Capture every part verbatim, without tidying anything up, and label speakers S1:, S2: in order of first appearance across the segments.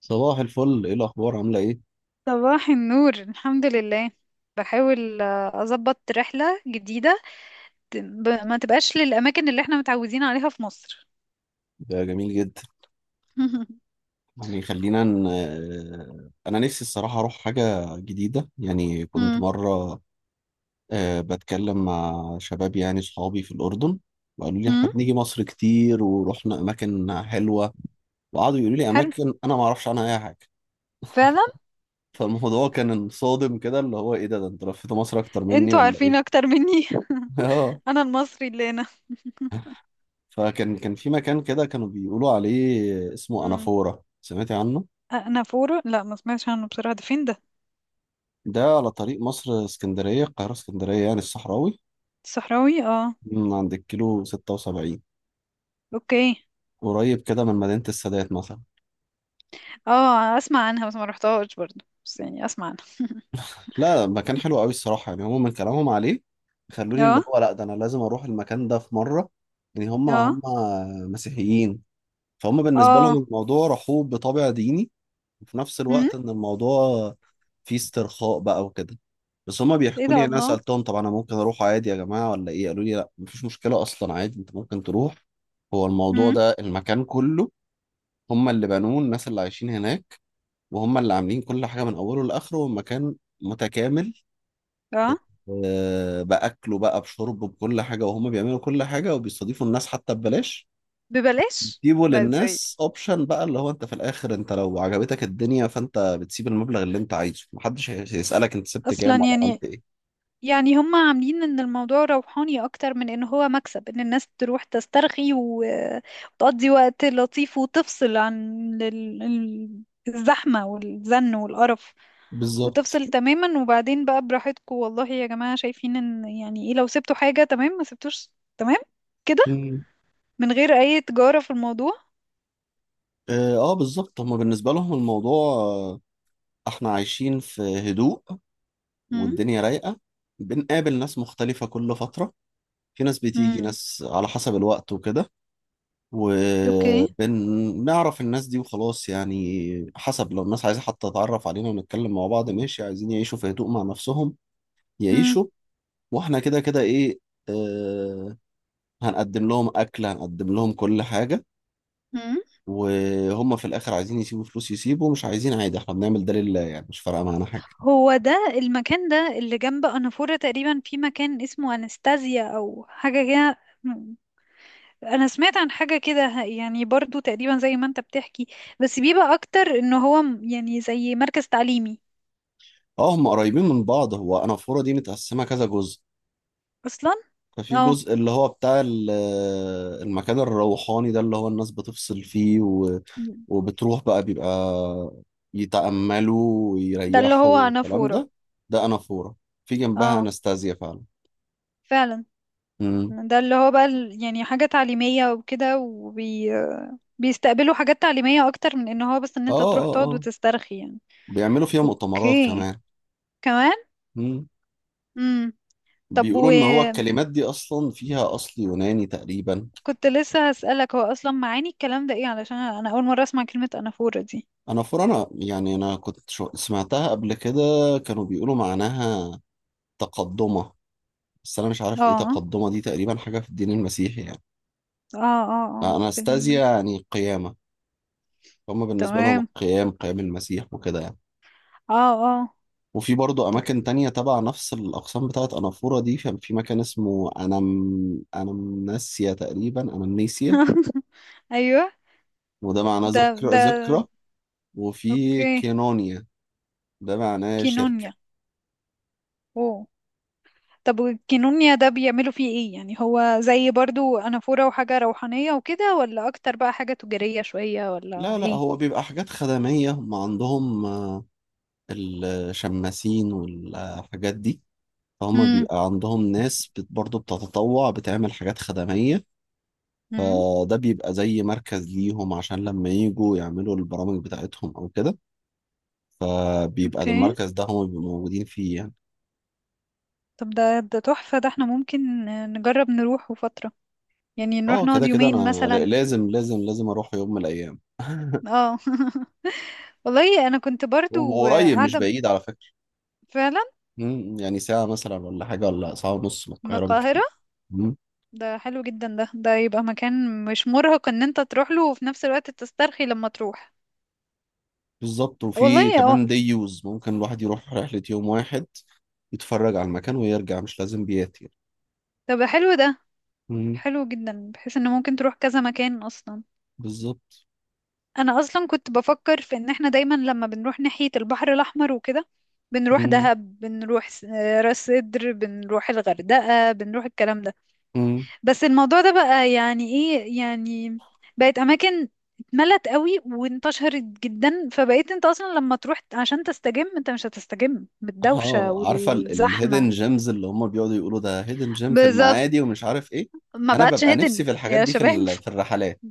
S1: صباح الفل، ايه الاخبار، عامله ايه؟
S2: صباح النور، الحمد لله. بحاول آه، أظبط رحلة جديدة. ت- ب- ما تبقاش للأماكن اللي احنا متعودين عليها في مصر.
S1: ده جميل جدا. يعني خلينا ن... آه، انا نفسي الصراحه اروح حاجه جديده، يعني كنت
S2: مم.
S1: مره. آه، بتكلم مع شباب، يعني صحابي في الاردن. وقالوا لي احنا
S2: مم.
S1: بنيجي مصر كتير ورحنا اماكن حلوه. وقعدوا يقولوا لي
S2: حلو،
S1: اماكن انا ما اعرفش عنها اي حاجه.
S2: فعلا.
S1: فالموضوع كان صادم كده، اللي هو ايه ده ده انت لفيت مصر اكتر مني
S2: انتوا
S1: ولا
S2: عارفين
S1: ايه؟
S2: أكتر مني.
S1: اه.
S2: أنا المصري اللي هنا.
S1: فكان كان في مكان كده كانوا بيقولوا عليه اسمه
S2: مم.
S1: انافورا، سمعتي عنه؟
S2: أنا فورو؟ لا، ما سمعتش عنه بصراحة. ده فين ده؟
S1: ده على طريق مصر اسكندرية، القاهرة اسكندرية يعني، الصحراوي.
S2: الصحراوي، اه.
S1: من عند الكيلو ستة وسبعين،
S2: اوكي.
S1: قريب كده من مدينة السادات مثلا.
S2: اه، أسمع عنها بس ما رحتهاش برضه، بس يعني أسمع عنها.
S1: لا، مكان حلو قوي الصراحة، يعني هما من كلامهم عليه خلوني اللي
S2: اه،
S1: هو لا ده أنا لازم أروح المكان ده في مرة. يعني هما
S2: اه،
S1: هما مسيحيين. فهم بالنسبة لهم
S2: اه.
S1: الموضوع رحوب بطابع ديني، وفي نفس
S2: مم.
S1: الوقت ان الموضوع فيه استرخاء بقى وكده. بس هما
S2: ايه
S1: بيحكوا لي،
S2: ده،
S1: انا
S2: الله.
S1: سالتهم طب انا ممكن اروح عادي يا جماعه ولا ايه، قالوا لي لا، مفيش مشكله اصلا، عادي انت ممكن تروح. هو الموضوع
S2: مم.
S1: ده المكان كله، هما اللي بنوه، الناس اللي عايشين هناك. وهما اللي عاملين كل حاجه من اوله لاخره، والمكان متكامل.
S2: اه.
S1: آه، باكله بقى بشربه بكل حاجه، وهما بيعملوا كل حاجه وبيستضيفوا الناس حتى ببلاش.
S2: ببلاش.
S1: سيبه
S2: لا، ازاي؟
S1: للناس اوبشن بقى، اللي هو انت في الاخر انت لو عجبتك الدنيا فانت بتسيب المبلغ اللي انت عايزه، محدش هي- هيسألك انت سبت كام
S2: اصلا،
S1: ولا
S2: يعني.
S1: عملت ايه.
S2: يعني هم عاملين ان الموضوع روحاني اكتر من ان هو مكسب، ان الناس تروح تسترخي و- وتقضي وقت لطيف وتفصل عن ال- ال- الزحمة والزن والقرف،
S1: بالظبط.
S2: وتفصل تماما. وبعدين بقى براحتكم والله يا جماعة، شايفين ان يعني ايه؟ لو سبتوا حاجة، تمام؛ ما سبتوش، تمام كده.
S1: مم.
S2: من غير اي تجارة في الموضوع.
S1: اه، آه، بالظبط. هما بالنسبة لهم الموضوع، آه، احنا عايشين في هدوء،
S2: امم.
S1: والدنيا رايقة. بنقابل ناس مختلفة كل فترة، في ناس بتيجي،
S2: امم.
S1: ناس على حسب الوقت وكده.
S2: اوكي.
S1: وبنعرف الناس دي وخلاص، يعني حسب، لو الناس عايزة حتى تتعرف علينا ونتكلم مع بعض، ماشي، عايزين يعيشوا في هدوء مع نفسهم، يعيشوا. واحنا كده كده، ايه، آه هنقدم لهم اكل، هنقدم لهم كل حاجه.
S2: امم.
S1: وهم في الاخر عايزين يسيبوا فلوس، يسيبوا، مش عايزين عادي، احنا بنعمل ده لله، يعني مش فارقه معانا حاجه.
S2: هو ده المكان ده اللي جنب أنافورة تقريبا، في مكان اسمه أنستازيا أو حاجة كده. م- أنا سمعت عن حاجة كده، ه- يعني برضو تقريبا زي ما أنت بتحكي، بس بيبقى أكتر إن هو م- يعني زي مركز تعليمي
S1: اه، هم قريبين من بعض، هو انافوره دي متقسمه كذا جزء.
S2: أصلا.
S1: ففي
S2: اه،
S1: جزء اللي هو بتاع ال- آه، المكان الروحاني ده اللي هو الناس بتفصل فيه و... وبتروح بقى بيبقى يتأملوا
S2: ده اللي
S1: ويريحوا
S2: هو
S1: والكلام
S2: أنافورة.
S1: ده. ده انافوره، في جنبها
S2: اه،
S1: انستازيا فعلا.
S2: فعلا.
S1: امم.
S2: ده اللي هو بقى ال- يعني حاجة تعليمية وكده، وبي بيستقبلوا حاجات تعليمية أكتر من إن هو بس إن
S1: اه
S2: أنت تروح
S1: اه
S2: تقعد
S1: اه.
S2: وتسترخي يعني.
S1: بيعملوا فيها مؤتمرات
S2: أوكي.
S1: كمان.
S2: كمان.
S1: مم.
S2: امم. طب،
S1: بيقولوا
S2: و
S1: ان هو الكلمات دي اصلا فيها اصل يوناني تقريبا.
S2: كنت لسه هسألك، هو أصلا معاني الكلام ده ايه؟ علشان أنا أول مرة أسمع كلمة أنافورة دي.
S1: انا فرانا يعني، انا كنت شو- سمعتها قبل كده. كانوا بيقولوا معناها تقدمة، بس انا مش عارف ايه
S2: اه،
S1: تقدمة دي، تقريبا حاجة في الدين المسيحي يعني.
S2: اه، اه، اه، في
S1: اناستازيا
S2: ال...
S1: يعني قيامة، هما بالنسبة لهم
S2: تمام.
S1: القيام، قيام المسيح وكده يعني.
S2: اه. اه.
S1: وفي برضه أماكن تانية تبع نفس الأقسام بتاعت أنافورا دي، كان في مكان اسمه أنم أنمناسيا، تقريبا أنمنيسيا.
S2: أيوه.
S1: وده معناه
S2: ده
S1: ذكرى
S2: ده
S1: ذكرى. وفي
S2: اوكي.
S1: كينونيا، ده معناه شركة.
S2: كينونيا. اوه. طب، والكينونيا ده بيعملوا فيه ايه يعني؟ هو زي برضو أنافورة وحاجة روحانية وكده، ولا أكتر بقى حاجة تجارية شوية، ولا
S1: لا لا،
S2: ايه؟
S1: هو بيبقى حاجات خدمية، هم عندهم آه، الشماسين والحاجات دي. فهم
S2: امم.
S1: بيبقى عندهم ناس بت- برضه بتتطوع بتعمل حاجات خدمية.
S2: امم.
S1: فده بيبقى زي مركز ليهم، عشان لما يجوا يعملوا البرامج بتاعتهم أو كده. فبيبقى ده
S2: اوكي.
S1: المركز ده هم بيبقوا موجودين فيه يعني.
S2: طب، ده ده تحفة، ده احنا ممكن نجرب نروحه فترة، يعني نروح
S1: اه،
S2: نقعد
S1: كده كده أنا
S2: يومين مثلا.
S1: ل- لازم لازم لازم أروح يوم من الأيام.
S2: اه. والله انا كنت برضو
S1: وقريب مش
S2: قاعده.
S1: بعيد على فكرة.
S2: فعلا.
S1: مم، يعني ساعة مثلا ولا حاجة ولا ساعة ونص من
S2: من
S1: القاهرة بالكتير.
S2: القاهره.
S1: مم،
S2: ده حلو جدا، ده ده يبقى مكان مش مرهق ان انت تروح له وفي نفس الوقت تسترخي لما تروح.
S1: بالظبط، وفي
S2: والله، اه.
S1: كمان ديوز ممكن الواحد يروح رحلة يوم واحد، يتفرج على المكان ويرجع، مش لازم بيات يعني.
S2: طب، حلو ده.
S1: مم،
S2: حلو جدا، بحيث ان ممكن تروح كذا مكان اصلا.
S1: بالظبط.
S2: انا اصلا كنت بفكر في ان احنا دايما لما بنروح ناحيه البحر الاحمر وكده، بنروح
S1: مم،
S2: دهب، بنروح س- راس سدر، بنروح الغردقه، بنروح الكلام ده.
S1: مم.
S2: بس الموضوع ده بقى يعني ايه يعني، بقت اماكن اتملت قوي وانتشرت جدا، فبقيت انت اصلا لما تروح عشان تستجم، انت مش هتستجم بالدوشة
S1: اه، عارفة
S2: والزحمة.
S1: الهيدن جيمز اللي هم بيقعدوا يقولوا ده هيدن جيم في
S2: بالظبط.
S1: المعادي ومش عارف ايه.
S2: ما
S1: انا
S2: بقتش
S1: ببقى نفسي
S2: هيدن
S1: في الحاجات
S2: يا
S1: دي، في
S2: شباب.
S1: ال- في الرحلات.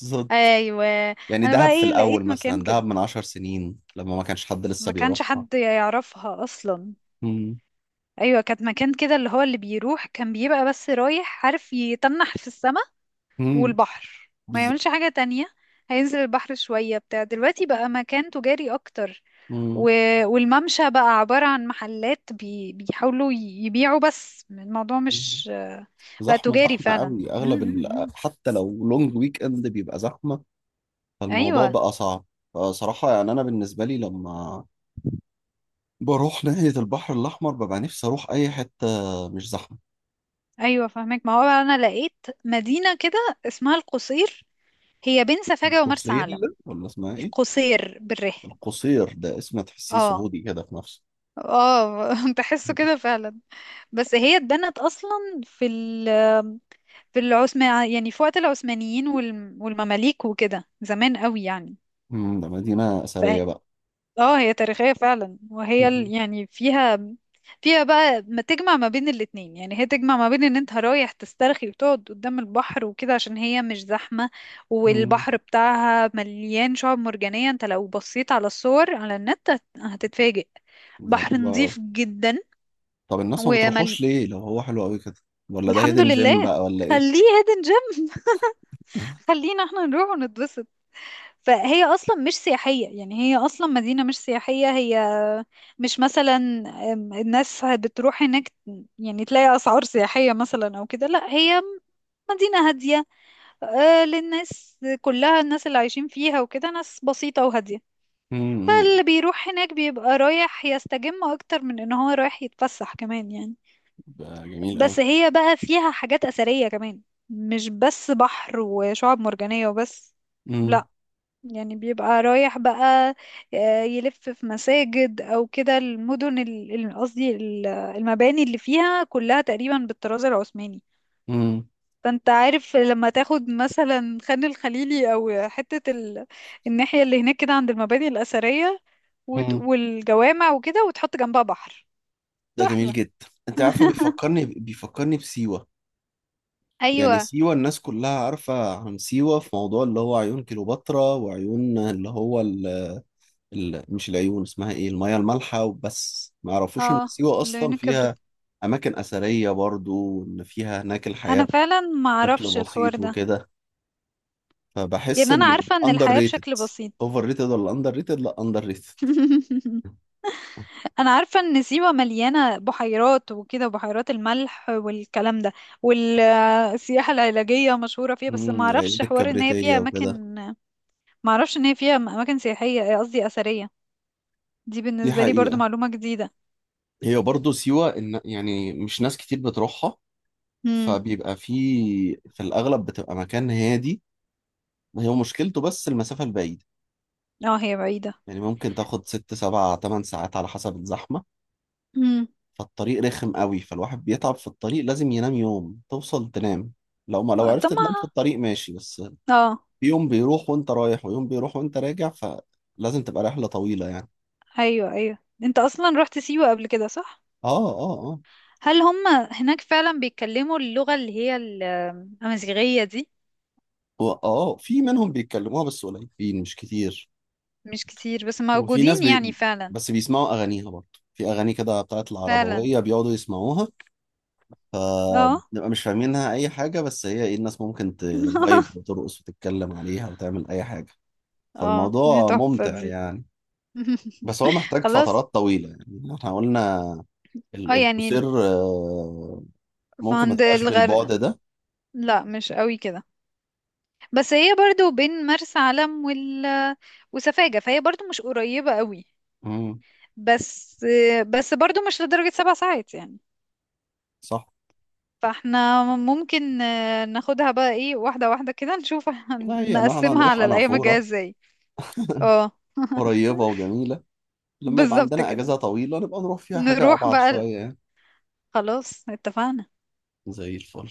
S1: بالظبط.
S2: ايوه.
S1: يعني
S2: انا بقى
S1: دهب في
S2: ايه،
S1: الاول
S2: لقيت مكان
S1: مثلا، دهب
S2: كده
S1: من عشر سنين لما ما كانش حد لسه
S2: ما كانش
S1: بيروحها.
S2: حد يعرفها اصلا.
S1: مم،
S2: ايوه، كانت مكان كده اللي هو اللي بيروح كان بيبقى بس رايح عارف يتنح في السما
S1: مم،
S2: والبحر، ما
S1: بالظبط.
S2: يعملش حاجة تانية. هينزل البحر شوية. بتاع دلوقتي بقى مكان تجاري أكتر، و... والممشى بقى عبارة عن محلات بي... بيحاولوا ي- يبيعوا، بس الموضوع
S1: مم.
S2: مش بقى
S1: زحمة
S2: تجاري
S1: زحمة
S2: فعلا.
S1: قوي،
S2: م-
S1: أغلب ال...
S2: م- م.
S1: حتى لو لونج ويك إند بيبقى زحمة. فالموضوع
S2: أيوة،
S1: بقى صعب. فصراحة يعني أنا بالنسبة لي، لما بروح ناحية البحر الأحمر ببقى نفسي أروح أي حتة مش زحمة.
S2: أيوة، فاهمك. ما هو بقى أنا لقيت مدينة كده اسمها القصير. هي بين سفاجة ومرسى
S1: القصير،
S2: علم.
S1: ولا اسمها إيه؟
S2: القصير بالره.
S1: القصير ده اسم تحسيه
S2: اه،
S1: سعودي كده في نفسه.
S2: اه. تحسه كده فعلا. بس هي اتبنت اصلا في في العثمان، يعني في وقت العثمانيين وال- والمماليك وكده، زمان قوي يعني.
S1: مم، ده مدينة
S2: ف
S1: أثرية بقى؟
S2: اه، هي تاريخية فعلا، وهي ال-
S1: مم.
S2: يعني فيها فيها بقى ما تجمع ما بين الاتنين، يعني هي تجمع ما بين ان انت رايح تسترخي وتقعد قدام البحر وكده، عشان هي مش زحمة.
S1: مم،
S2: والبحر بتاعها مليان شعاب مرجانية، انت لو بصيت على الصور على النت هت- هتتفاجئ.
S1: ده
S2: بحر
S1: حلو قوي.
S2: نظيف جدا
S1: طب الناس ما
S2: ومل...
S1: بتروحوش ليه لو هو حلو قوي كده؟ ولا ده
S2: الحمد
S1: هيدن جيم
S2: لله.
S1: بقى ولا إيه؟
S2: خليه هيدن جيم، خلينا احنا نروح ونتبسط. فهي اصلا مش سياحيه، يعني هي اصلا مدينه مش سياحيه، هي مش مثلا أم، الناس بتروح هناك يعني تلاقي اسعار سياحيه مثلا او كده، لا، هي مدينه هاديه، آه، للناس كلها. الناس اللي عايشين فيها وكده ناس بسيطه وهاديه،
S1: مم،
S2: فاللي بيروح هناك بيبقى رايح يستجم اكتر من ان هو رايح يتفسح كمان يعني.
S1: ده جميل قوي.
S2: بس هي بقى فيها حاجات اثريه كمان، مش بس بحر وشعاب مرجانيه وبس،
S1: مم،
S2: لا. يعني بيبقى رايح بقى آه، يلف في مساجد او كده. المدن ال- ال- قصدي ال- المباني اللي فيها كلها تقريبا بالطراز العثماني.
S1: مم،
S2: فانت عارف لما تاخد مثلا خان الخليلي او حتة ال... الناحية اللي هناك كده عند المباني الأثرية وت...
S1: مم.
S2: والجوامع وكده، وتحط جنبها بحر.
S1: ده جميل
S2: تحفة.
S1: جدا، انت عارفه، بيفكرني بيفكرني بسيوه. يعني
S2: ايوه.
S1: سيوه الناس كلها عارفه عن سيوه في موضوع اللي هو عيون كليوباترا، وعيون اللي هو ال... ال... مش العيون اسمها ايه الميه المالحه وبس، ما يعرفوش ان
S2: اه،
S1: سيوه اصلا
S2: العيون كبرت.
S1: فيها اماكن اثريه برضو، وان فيها هناك
S2: انا
S1: الحياه
S2: فعلا ما
S1: بشكل
S2: اعرفش الحوار
S1: بسيط
S2: ده.
S1: وكده. فبحس
S2: يعني انا
S1: ان
S2: عارفة ان
S1: اندر
S2: الحياة
S1: ريتد،
S2: بشكل بسيط.
S1: اوفر ريتد ولا اندر ريتد؟ لا، اندر ريتد.
S2: انا عارفه ان سيوه مليانه بحيرات وكده، وبحيرات الملح والكلام ده، والسياحه العلاجيه مشهوره فيها، بس ما
S1: امم. العيون
S2: اعرفش حوار ان هي
S1: الكبريتيه
S2: فيها
S1: وكده.
S2: اماكن. ما اعرفش ان هي فيها اماكن سياحيه، قصدي اثريه. دي
S1: دي
S2: بالنسبه لي برضو
S1: حقيقه.
S2: معلومه جديده.
S1: هي برضه سيوة، إن يعني مش ناس كتير بتروحها.
S2: امم.
S1: فبيبقى في في الأغلب بتبقى مكان هادي. هي مشكلته بس المسافة البعيدة،
S2: اه، هي بعيده.
S1: يعني ممكن تاخد ست سبع تمن ساعات على حسب الزحمة.
S2: امم.
S1: فالطريق رخم قوي، فالواحد بيتعب في الطريق، لازم ينام، يوم توصل تنام. لو ما لو
S2: آه، طب
S1: عرفت تنام في
S2: ما...
S1: الطريق ماشي بس.
S2: اه.
S1: في يوم بيروح وانت رايح، ويوم بيروح وانت راجع، فلازم تبقى رحلة طويلة يعني.
S2: ايوه، ايوه، انت اصلا رحت سيوه قبل كده، صح؟
S1: اه. اه اه.
S2: هل هم هناك فعلا بيتكلموا اللغه اللي هي ال- الامازيغيه دي؟
S1: هو- اه، في منهم بيتكلموها بس قليلين مش كتير.
S2: مش كتير بس
S1: وفي ناس
S2: موجودين يعني،
S1: بي...
S2: فعلا.
S1: بس بيسمعوا اغانيها برضه. في اغاني كده بتاعت
S2: فعلا.
S1: العربويه بيقعدوا يسمعوها.
S2: اه.
S1: فبنبقى مش فاهمينها اي حاجه، بس هي ايه، الناس ممكن تفايب وترقص وتتكلم عليها وتعمل اي حاجه.
S2: اه، دي
S1: فالموضوع
S2: تحفة
S1: ممتع
S2: دي.
S1: يعني. بس هو محتاج
S2: خلاص.
S1: فترات طويله، يعني احنا قلنا
S2: اه،
S1: ال- القصير،
S2: يعني
S1: آه، ممكن ما
S2: فعند
S1: تبقاش بالبعد
S2: الغرب،
S1: ده.
S2: لا مش قوي كده، بس هي برضو بين مرسى علم وال... وسفاجة، فهي برضو مش قريبة قوي،
S1: امم.
S2: بس بس برضو مش لدرجة سبع ساعات يعني.
S1: صح.
S2: فاحنا ممكن آه، ناخدها بقى ايه، واحدة واحدة كده نشوف. هن-
S1: لا، هي ان احنا
S2: نقسمها
S1: هنروح
S2: على الأيام الجاية
S1: انافوره،
S2: ازاي. اه.
S1: قريبه وجميله. لما يبقى
S2: بالظبط
S1: عندنا
S2: كده.
S1: اجازه طويله نبقى نروح فيها حاجه
S2: نروح
S1: ابعد
S2: بقى ال-
S1: شويه يعني.
S2: خلاص، اتفقنا.
S1: زي الفل.